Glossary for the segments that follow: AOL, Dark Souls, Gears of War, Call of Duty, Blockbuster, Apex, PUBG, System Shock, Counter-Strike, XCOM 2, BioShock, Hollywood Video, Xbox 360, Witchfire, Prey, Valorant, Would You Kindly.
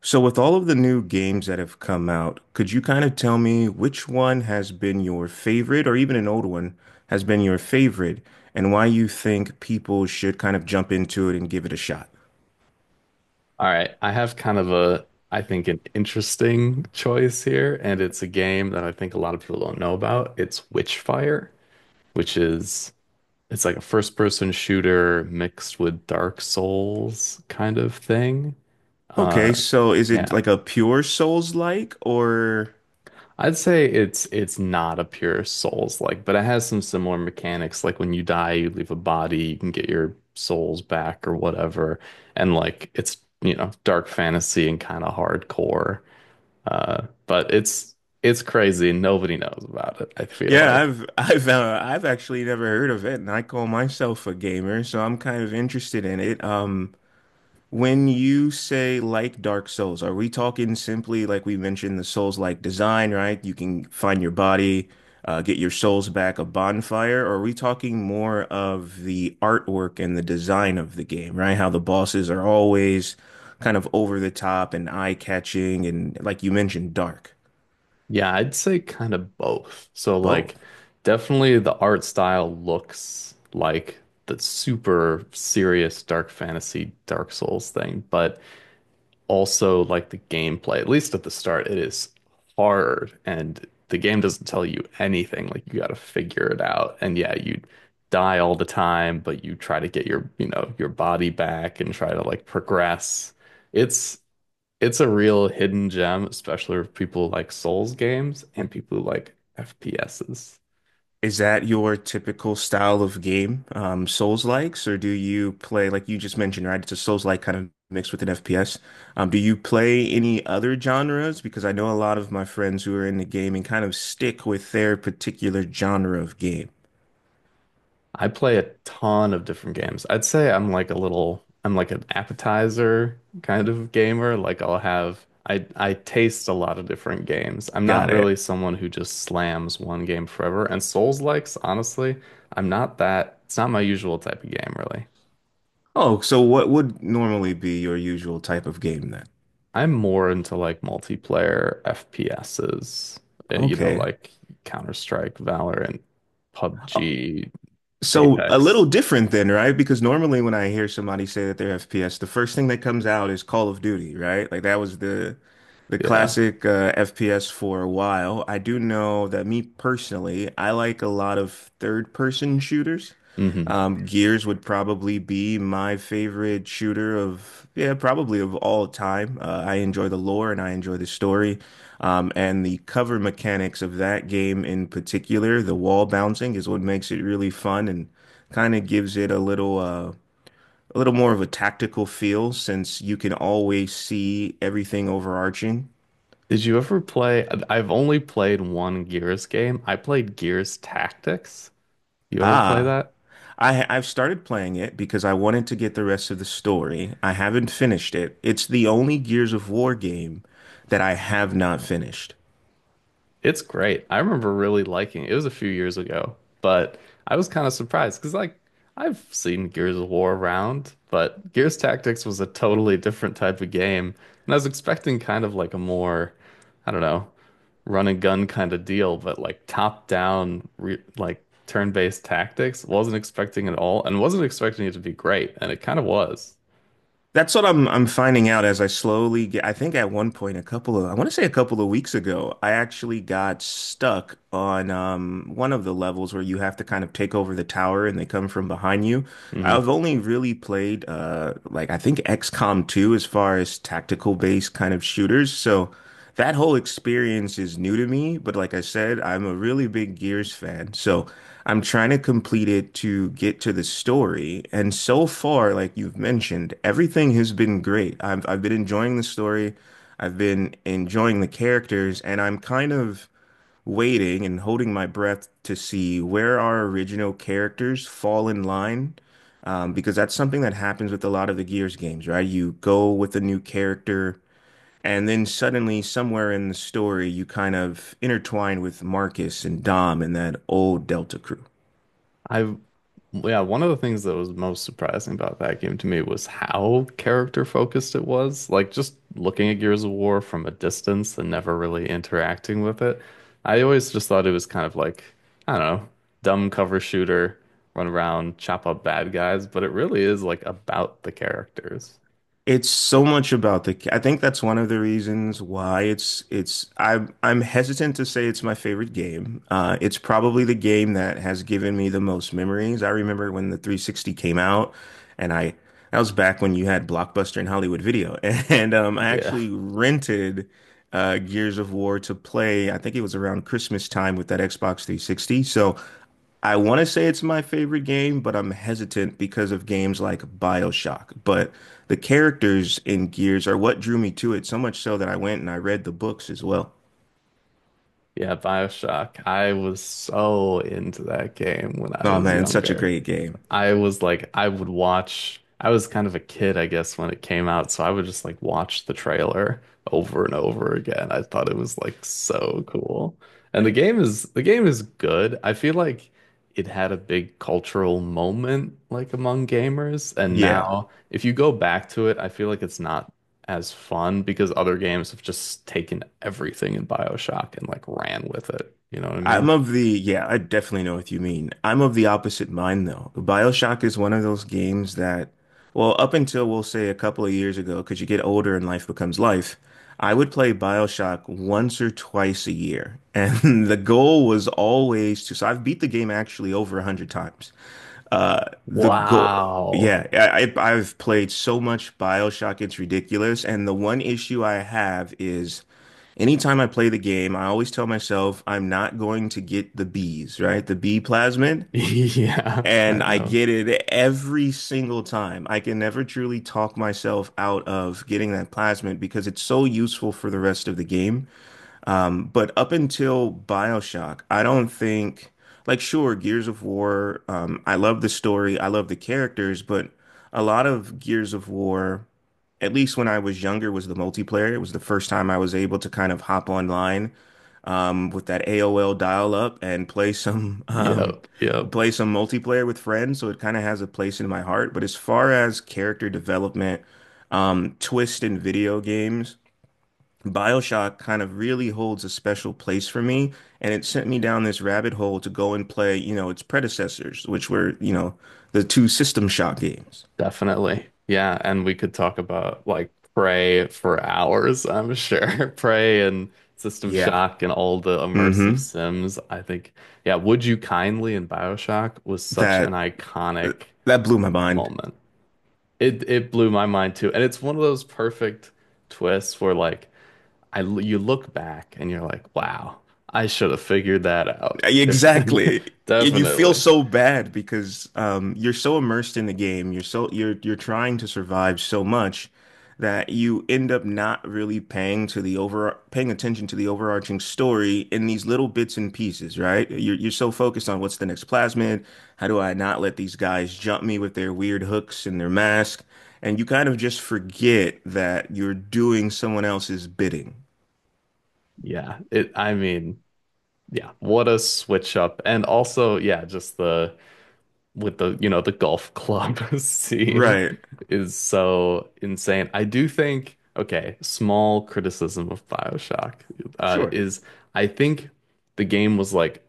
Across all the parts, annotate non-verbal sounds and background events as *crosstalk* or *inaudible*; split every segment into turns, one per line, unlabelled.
So, with all of the new games that have come out, could you kind of tell me which one has been your favorite, or even an old one has been your favorite, and why you think people should kind of jump into it and give it a shot?
All right, I have kind of a, I think, an interesting choice here, and it's a game that I think a lot of people don't know about. It's Witchfire, which is it's like a first-person shooter mixed with Dark Souls kind of thing.
Okay,
Uh,
so is it
yeah,
like a pure Souls-like, or
I'd say it's not a pure Souls-like, but it has some similar mechanics. Like when you die, you leave a body, you can get your souls back or whatever, and like it's you know dark fantasy and kind of hardcore. But it's crazy. Nobody knows about it, I
*laughs*
feel
yeah,
like.
I've actually never heard of it, and I call myself a gamer, so I'm kind of interested in it. When you say like Dark Souls, are we talking simply like we mentioned the Souls-like design, right? You can find your body, get your souls back, a bonfire, or are we talking more of the artwork and the design of the game, right? How the bosses are always kind of over the top and eye-catching and, like you mentioned, dark.
Yeah, I'd say kind of both. So like
Both.
definitely the art style looks like the super serious dark fantasy Dark Souls thing, but also like the gameplay, at least at the start, it is hard and the game doesn't tell you anything. Like you gotta figure it out. And yeah, you die all the time, but you try to get your, your body back and try to like progress. It's it's a real hidden gem, especially for people who like Souls games and people who like FPSs.
Is that your typical style of game? Souls-likes, or do you play, like you just mentioned, right? It's a Souls-like kind of mixed with an FPS. Do you play any other genres? Because I know a lot of my friends who are in the gaming kind of stick with their particular genre of game.
I play a ton of different games. I'd say I'm like a little, I'm like an appetizer kind of gamer. Like I'll have, I taste a lot of different games. I'm not
Got
really
it.
someone who just slams one game forever. And Souls-likes, honestly, I'm not that, it's not my usual type of game, really.
Oh, so what would normally be your usual type of game then?
I'm more into like multiplayer FPSs, you know,
Okay.
like Counter-Strike, Valorant, PUBG,
So a little
Apex.
different then, right? Because normally when I hear somebody say that they're FPS, the first thing that comes out is Call of Duty, right? Like that was the
Yeah.
classic FPS for a while. I do know that, me personally, I like a lot of third person shooters.
Hmm.
Gears would probably be my favorite shooter of, yeah, probably of all time. I enjoy the lore and I enjoy the story. And the cover mechanics of that game in particular, the wall bouncing, is what makes it really fun and kind of gives it a little more of a tactical feel since you can always see everything overarching.
Did you ever play? I've only played one Gears game. I played Gears Tactics. You ever play
Ah,
that?
I've started playing it because I wanted to get the rest of the story. I haven't finished it. It's the only Gears of War game that I have not finished.
It's great. I remember really liking it. It was a few years ago, but I was kind of surprised because, like, I've seen Gears of War around, but Gears Tactics was a totally different type of game. And I was expecting kind of like a more, I don't know, run and gun kind of deal, but like top down, re like turn-based tactics. Wasn't expecting it at all and wasn't expecting it to be great, and it kind of was.
That's what I'm finding out as I slowly get. I think at one point, a couple of I want to say a couple of weeks ago, I actually got stuck on one of the levels where you have to kind of take over the tower and they come from behind you.
Hmm.
I've only really played like I think XCOM 2 as far as tactical based kind of shooters, so. That whole experience is new to me, but like I said, I'm a really big Gears fan. So I'm trying to complete it to get to the story. And so far, like you've mentioned, everything has been great. I've been enjoying the story. I've been enjoying the characters, and I'm kind of waiting and holding my breath to see where our original characters fall in line. Because that's something that happens with a lot of the Gears games, right? You go with a new character and then suddenly, somewhere in the story, you kind of intertwine with Marcus and Dom and that old Delta crew.
I, yeah, one of the things that was most surprising about that game to me was how character focused it was. Like just looking at Gears of War from a distance and never really interacting with it. I always just thought it was kind of like, I don't know, dumb cover shooter, run around, chop up bad guys, but it really is like about the characters.
It's so much about the. I think that's one of the reasons why it's it's. I'm hesitant to say it's my favorite game. It's probably the game that has given me the most memories. I remember when the 360 came out, and I that was back when you had Blockbuster and Hollywood Video, *laughs* and I
Yeah.
actually rented Gears of War to play. I think it was around Christmas time with that Xbox 360. So I want to say it's my favorite game, but I'm hesitant because of games like BioShock. But the characters in Gears are what drew me to it, so much so that I went and I read the books as well.
Yeah, BioShock. I was so into that game when I
Oh
was
man, it's such a
younger.
great game.
I was like, I would watch. I was kind of a kid, I guess, when it came out, so I would just like watch the trailer over and over again. I thought it was like so cool. And the game is good. I feel like it had a big cultural moment like among gamers, and
Yeah.
now if you go back to it, I feel like it's not as fun because other games have just taken everything in BioShock and like ran with it. You know what I mean?
I definitely know what you mean. I'm of the opposite mind though. BioShock is one of those games that, well, up until we'll say a couple of years ago, because you get older and life becomes life, I would play BioShock once or twice a year. And *laughs* the goal was always to, so I've beat the game actually over 100 times. The goal,
Wow.
yeah,
*laughs*
I- I've played so much BioShock, it's ridiculous. And the one issue I have is, anytime I play the game, I always tell myself I'm not going to get the bees, right? The bee plasmid.
Yeah,
And
I
I
know.
get it every single time. I can never truly talk myself out of getting that plasmid because it's so useful for the rest of the game. But up until BioShock, I don't think, like, sure, Gears of War, I love the story, I love the characters, but a lot of Gears of War, at least when I was younger, was the multiplayer. It was the first time I was able to kind of hop online with that AOL dial-up and play some *laughs*
Yep, yep,
play some multiplayer with friends. So it kind of has a place in my heart. But as far as character development, twist in video games. BioShock kind of really holds a special place for me, and it sent me down this rabbit hole to go and play, you know, its predecessors, which were, you know, the two System Shock games.
definitely. Yeah, and we could talk about like Prey for hours, I'm sure. *laughs* Prey and System
Yeah.
Shock and all the immersive
Hmm.
sims. Yeah, Would You Kindly in BioShock was such an
That uh,
iconic
that blew my mind.
moment. It blew my mind too. And it's one of those perfect twists where like you look back and you're like, wow, I should have figured that out. If
Exactly.
*laughs*
And you feel
definitely.
so bad because you're so immersed in the game. You're trying to survive so much that you end up not really paying to the over paying attention to the overarching story in these little bits and pieces, right? You're so focused on what's the next plasmid. How do I not let these guys jump me with their weird hooks and their mask? And you kind of just forget that you're doing someone else's bidding.
Yeah, it I mean Yeah, what a switch up. And also, yeah, just the with the, you know, the golf club *laughs* scene
Right.
is so insane. I do think, okay, small criticism of BioShock
Sure.
is I think the game was like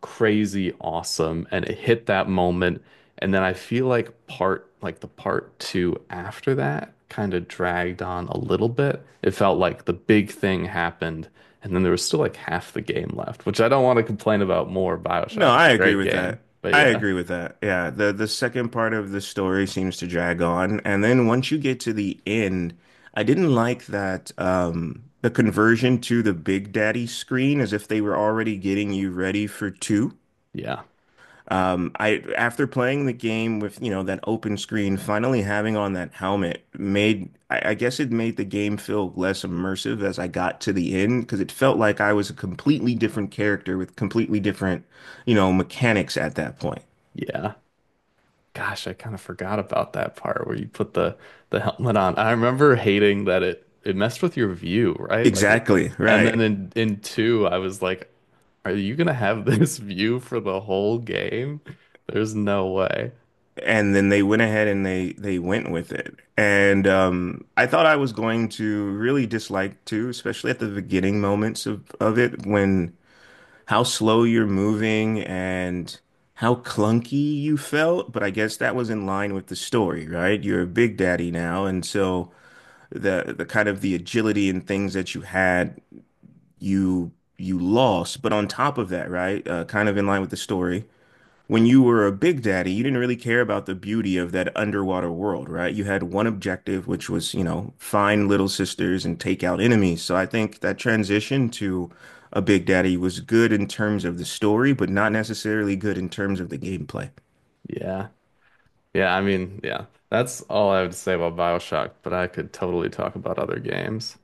crazy awesome and it hit that moment and then I feel like part like the part two after that kind of dragged on a little bit. It felt like the big thing happened and then there was still like half the game left, which I don't want to complain about more
No,
BioShock. It's
I
a
agree
great
with
game.
that.
But
I
yeah.
agree with that. Yeah, the second part of the story seems to drag on, and then once you get to the end, I didn't like that the conversion to the Big Daddy screen, as if they were already getting you ready for two.
Yeah.
I, after playing the game with, you know, that open screen, finally having on that helmet made I guess it made the game feel less immersive as I got to the end because it felt like I was a completely different character with completely different, you know, mechanics at that point.
Yeah. Gosh, I kind of forgot about that part where you put the helmet on. I remember hating that it messed with your view, right?
Exactly,
And then
right.
in two, I was like, "Are you gonna have this *laughs* view for the whole game? There's no way."
And then they went ahead and they went with it. And I thought I was going to really dislike too, especially at the beginning moments of it, when how slow you're moving and how clunky you felt, but I guess that was in line with the story, right? You're a big daddy now, and so the kind of the agility and things that you had, you lost. But on top of that, right, kind of in line with the story, when you were a big daddy, you didn't really care about the beauty of that underwater world, right? You had one objective, which was, you know, find little sisters and take out enemies. So I think that transition to a big daddy was good in terms of the story, but not necessarily good in terms of the gameplay.
Yeah, yeah. That's all I would say about BioShock, but I could totally talk about other games.